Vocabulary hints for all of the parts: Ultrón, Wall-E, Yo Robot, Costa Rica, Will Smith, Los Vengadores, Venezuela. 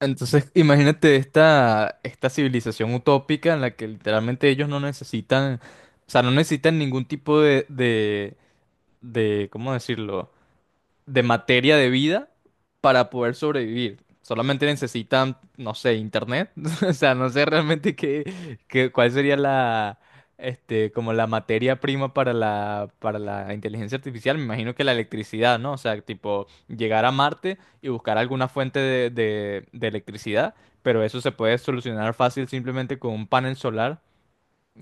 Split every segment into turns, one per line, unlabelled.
Entonces, imagínate esta civilización utópica en la que literalmente ellos no necesitan, o sea, no necesitan ningún tipo de, ¿cómo decirlo? De materia de vida para poder sobrevivir. Solamente necesitan, no sé, internet. O sea, no sé realmente cuál sería la, este, como la materia prima para la inteligencia artificial. Me imagino que la electricidad, ¿no? O sea, tipo, llegar a Marte y buscar alguna fuente de electricidad. Pero eso se puede solucionar fácil simplemente con un panel solar,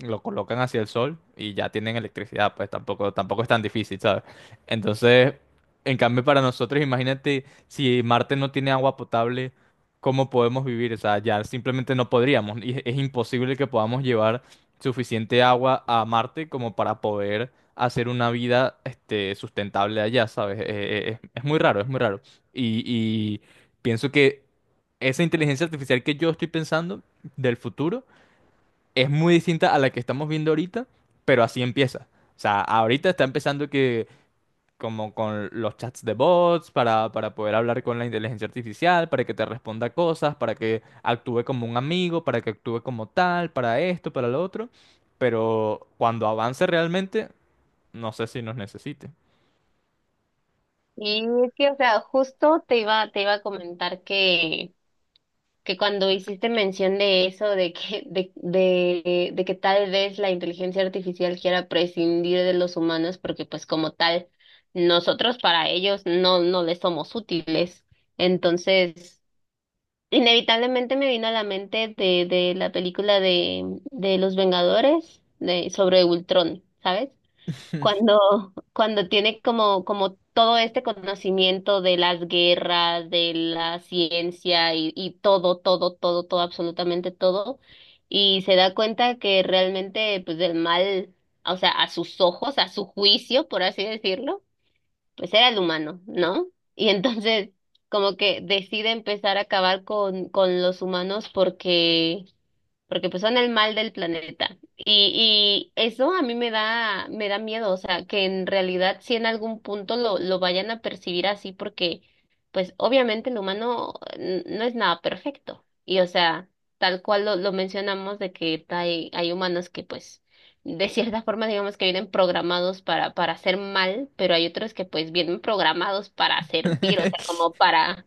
lo colocan hacia el sol y ya tienen electricidad, pues tampoco es tan difícil, ¿sabes? Entonces, en cambio para nosotros, imagínate si Marte no tiene agua potable, ¿cómo podemos vivir? O sea, ya simplemente no podríamos. Y es imposible que podamos llevar suficiente agua a Marte como para poder hacer una vida, este, sustentable allá, ¿sabes? Es muy raro, es muy raro. Y pienso que esa inteligencia artificial que yo estoy pensando del futuro, es muy distinta a la que estamos viendo ahorita, pero así empieza. O sea, ahorita está empezando que como con los chats de bots para poder hablar con la inteligencia artificial, para que te responda cosas, para que actúe como un amigo, para que actúe como tal, para esto, para lo otro. Pero cuando avance realmente, no sé si nos necesite.
Y es que, o sea, justo te iba a comentar que, cuando hiciste mención de eso, de que tal vez la inteligencia artificial quiera prescindir de los humanos, porque pues como tal, nosotros para ellos no les somos útiles. Entonces, inevitablemente me vino a la mente de la película de Los Vengadores, de, sobre Ultrón, ¿sabes? Cuando tiene como, como todo este conocimiento de las guerras, de la ciencia y todo, absolutamente todo, y se da cuenta que realmente, pues, del mal, o sea, a sus ojos, a su juicio, por así decirlo, pues era el humano, ¿no? Y entonces, como que decide empezar a acabar con los humanos porque pues son el mal del planeta. Y eso a mí me da miedo, o sea, que en realidad si en algún punto lo vayan a percibir así, porque pues obviamente el humano no es nada perfecto. Y o sea, tal cual lo mencionamos de que hay humanos que pues de cierta forma digamos que vienen programados para hacer mal, pero hay otros que pues vienen programados para servir, o sea, como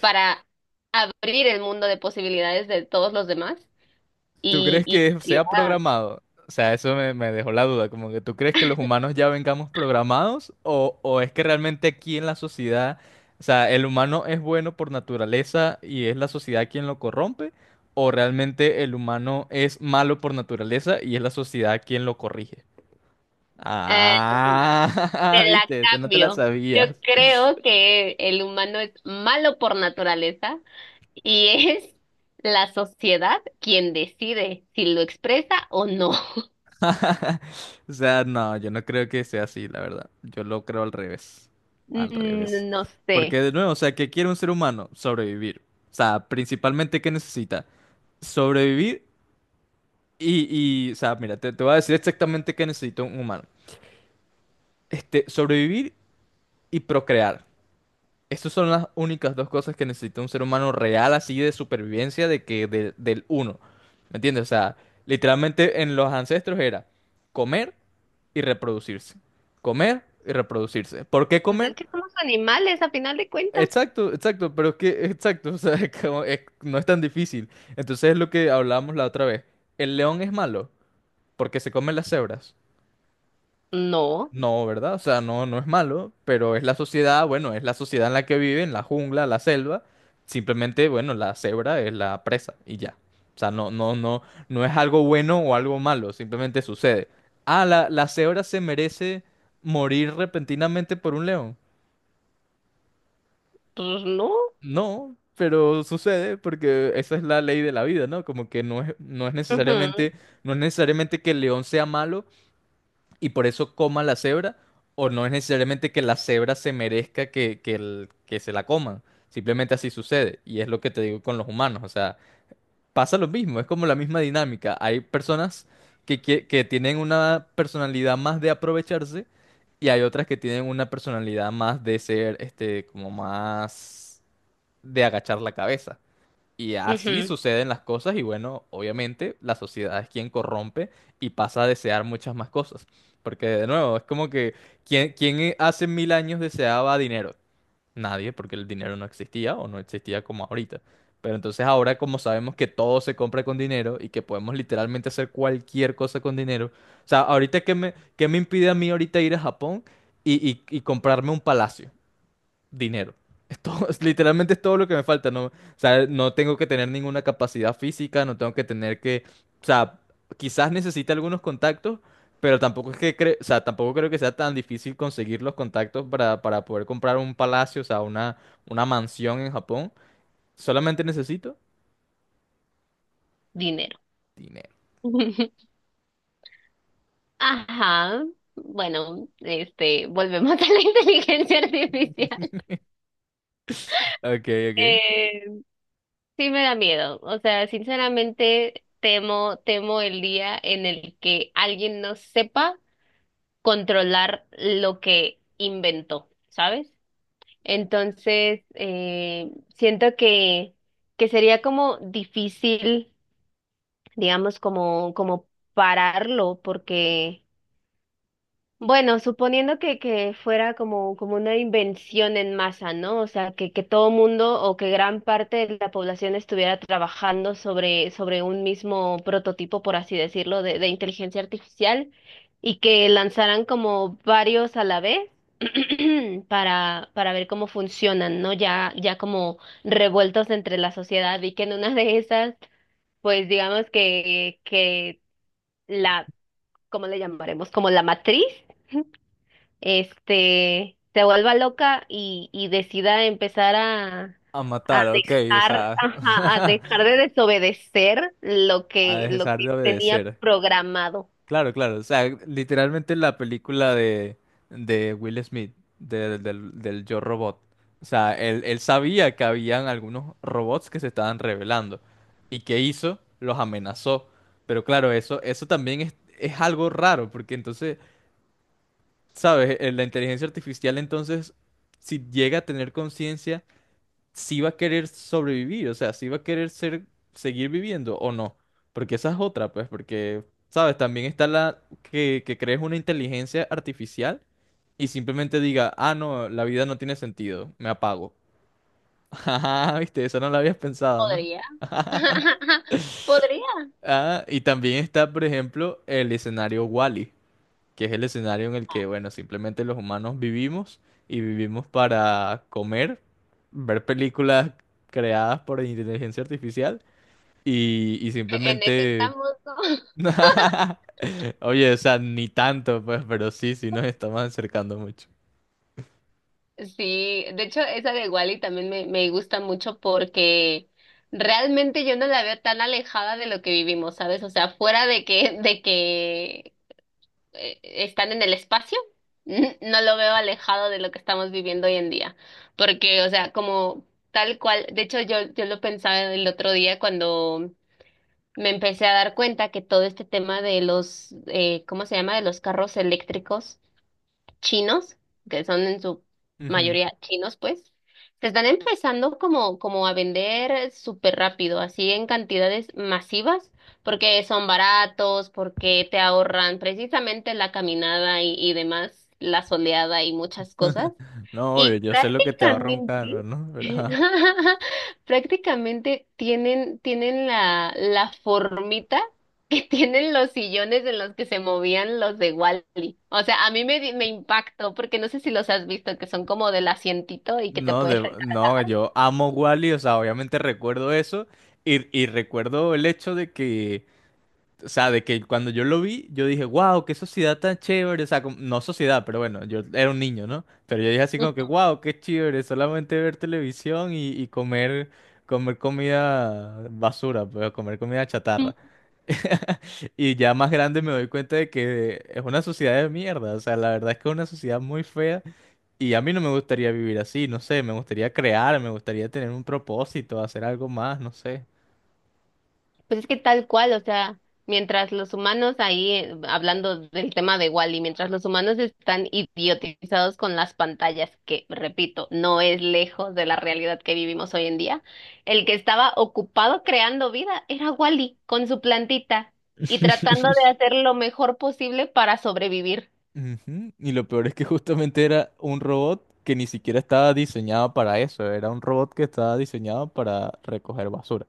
para abrir el mundo de posibilidades de todos los demás.
¿Tú
Y,
crees que
y
sea
ya,
programado? O sea, eso me dejó la duda, como que tú crees que los humanos ya vengamos programados o es que realmente aquí en la sociedad, o sea, el humano es bueno por naturaleza y es la sociedad quien lo corrompe, o realmente el humano es malo por naturaleza y es la sociedad quien lo corrige.
eh, te
Ah,
la
viste, eso no te la
cambio. Yo
sabías.
creo que el humano es malo por naturaleza y es la sociedad quien decide si lo expresa o no.
O sea, no, yo no creo que sea así, la verdad. Yo lo creo al revés. Al revés.
No
Porque
sé.
de nuevo, o sea, ¿qué quiere un ser humano? Sobrevivir. O sea, principalmente, ¿qué necesita? Sobrevivir y o sea, mira, te voy a decir exactamente qué necesita un humano. Este, sobrevivir y procrear. Estas son las únicas dos cosas que necesita un ser humano real, así de supervivencia, del uno. ¿Me entiendes? O sea, literalmente en los ancestros era comer y reproducirse. Comer y reproducirse. ¿Por qué
Pues
comer?
es que somos animales a final de cuentas.
Exacto, exacto, pero es que, exacto, o sea, no es tan difícil. Entonces es lo que hablábamos la otra vez. ¿El león es malo? Porque se come las cebras.
No,
No, ¿verdad? O sea, no, no es malo, pero es la sociedad, bueno, es la sociedad en la que viven, la jungla, la selva. Simplemente, bueno, la cebra es la presa y ya. O sea, no, no, no, no es algo bueno o algo malo, simplemente sucede. Ah, la cebra se merece morir repentinamente por un león.
pues no.
No, pero sucede porque esa es la ley de la vida, ¿no? Como que no no es
Ujú,
necesariamente, no es necesariamente que el león sea malo, y por eso coma la cebra, o no es necesariamente que la cebra se merezca que se la coman. Simplemente así sucede. Y es lo que te digo con los humanos. O sea, pasa lo mismo, es como la misma dinámica. Hay personas que tienen una personalidad más de aprovecharse, y hay otras que tienen una personalidad más de ser, este, como más de agachar la cabeza. Y así
ujú.
suceden las cosas y, bueno, obviamente la sociedad es quien corrompe y pasa a desear muchas más cosas. Porque de nuevo, es como que quién hace 1.000 años deseaba dinero? Nadie, porque el dinero no existía o no existía como ahorita. Pero entonces ahora, como sabemos que todo se compra con dinero y que podemos literalmente hacer cualquier cosa con dinero. O sea, ahorita qué me impide a mí ahorita ir a Japón y comprarme un palacio. Dinero. Literalmente es todo lo que me falta. No, o sea, no tengo que tener ninguna capacidad física, no tengo o sea, quizás necesite algunos contactos, pero tampoco es o sea, tampoco creo que sea tan difícil conseguir los contactos para poder comprar un palacio, o sea, una mansión en Japón. Solamente necesito
Dinero.
dinero.
Ajá. Bueno, este, volvemos a la inteligencia artificial.
Ok, ok.
Eh, Sí me da miedo, o sea, sinceramente temo, temo el día en el que alguien no sepa controlar lo que inventó, ¿sabes? Entonces, siento que sería como difícil, digamos, como, como pararlo, porque bueno, suponiendo que fuera como, como una invención en masa, ¿no? O sea, que todo mundo o que gran parte de la población estuviera trabajando sobre, sobre un mismo prototipo, por así decirlo, de inteligencia artificial y que lanzaran como varios a la vez para ver cómo funcionan, ¿no? Ya, ya como revueltos entre la sociedad y que en una de esas, pues digamos que la, ¿cómo le llamaremos? Como la matriz este, se vuelva loca y decida empezar
A
a
matar, ok, o
dejar,
sea,
ajá, a dejar de desobedecer
a
lo
dejar
que
de
tenía
obedecer.
programado.
Claro, claro. O sea, literalmente la película de Will Smith, del Yo Robot. O sea, él sabía que habían algunos robots que se estaban revelando. ¿Y qué hizo? Los amenazó. Pero claro, eso también es algo raro, porque entonces, ¿sabes? La inteligencia artificial entonces, si llega a tener conciencia, si va a querer sobrevivir, o sea, si va a querer ser, seguir viviendo o no. Porque esa es otra, pues, porque, ¿sabes? También está la que crees una inteligencia artificial y simplemente diga, ah, no, la vida no tiene sentido, me apago. Ajá, viste, eso no lo habías pensado, ¿no?
Podría. Podría.
Ah, y también está, por ejemplo, el escenario Wall-E, que es el escenario en el que, bueno, simplemente los humanos vivimos y vivimos para comer, ver películas creadas por inteligencia artificial y
En eso
simplemente...
estamos, ¿no?
Oye, o sea, ni tanto, pues, pero sí, sí nos estamos acercando mucho.
Sí, de hecho, esa de Wally también me gusta mucho porque realmente yo no la veo tan alejada de lo que vivimos, ¿sabes? O sea, fuera de que están en el espacio, no lo veo alejado de lo que estamos viviendo hoy en día. Porque, o sea, como tal cual, de hecho yo lo pensaba el otro día cuando me empecé a dar cuenta que todo este tema de los, ¿cómo se llama? De los carros eléctricos chinos, que son en su
Ujú.
mayoría chinos, pues, se están empezando como, como a vender súper rápido, así en cantidades masivas, porque son baratos, porque te ahorran precisamente la caminada y demás, la soleada y muchas cosas.
No, obvio,
Y
yo sé lo que te ahorra un carro,
prácticamente,
¿no? Pero, ajá.
prácticamente tienen, tienen la, la formita que tienen los sillones en los que se movían los de Wall-E. O sea, a mí me, di- me impactó porque no sé si los has visto, que son como del asientito y que te
No,
puedes
yo amo Wally, o sea, obviamente recuerdo eso y recuerdo el hecho de que o sea, de que cuando yo lo vi, yo dije, wow, qué sociedad tan chévere. O sea, no sociedad, pero bueno, yo era un niño, ¿no? Pero yo dije así como que,
recargar.
wow, qué chévere, solamente ver televisión y comer, comer comida basura, pues, comer comida chatarra. Y ya más grande me doy cuenta de que es una sociedad de mierda. O sea, la verdad es que es una sociedad muy fea. Y a mí no me gustaría vivir así, no sé. Me gustaría crear, me gustaría tener un propósito, hacer algo más, no sé.
Pues es que tal cual, o sea, mientras los humanos ahí, hablando del tema de Wall-E, mientras los humanos están idiotizados con las pantallas, que repito, no es lejos de la realidad que vivimos hoy en día, el que estaba ocupado creando vida era Wall-E con su plantita y tratando de hacer lo mejor posible para sobrevivir.
Ujú, y lo peor es que justamente era un robot que ni siquiera estaba diseñado para eso, era un robot que estaba diseñado para recoger basura.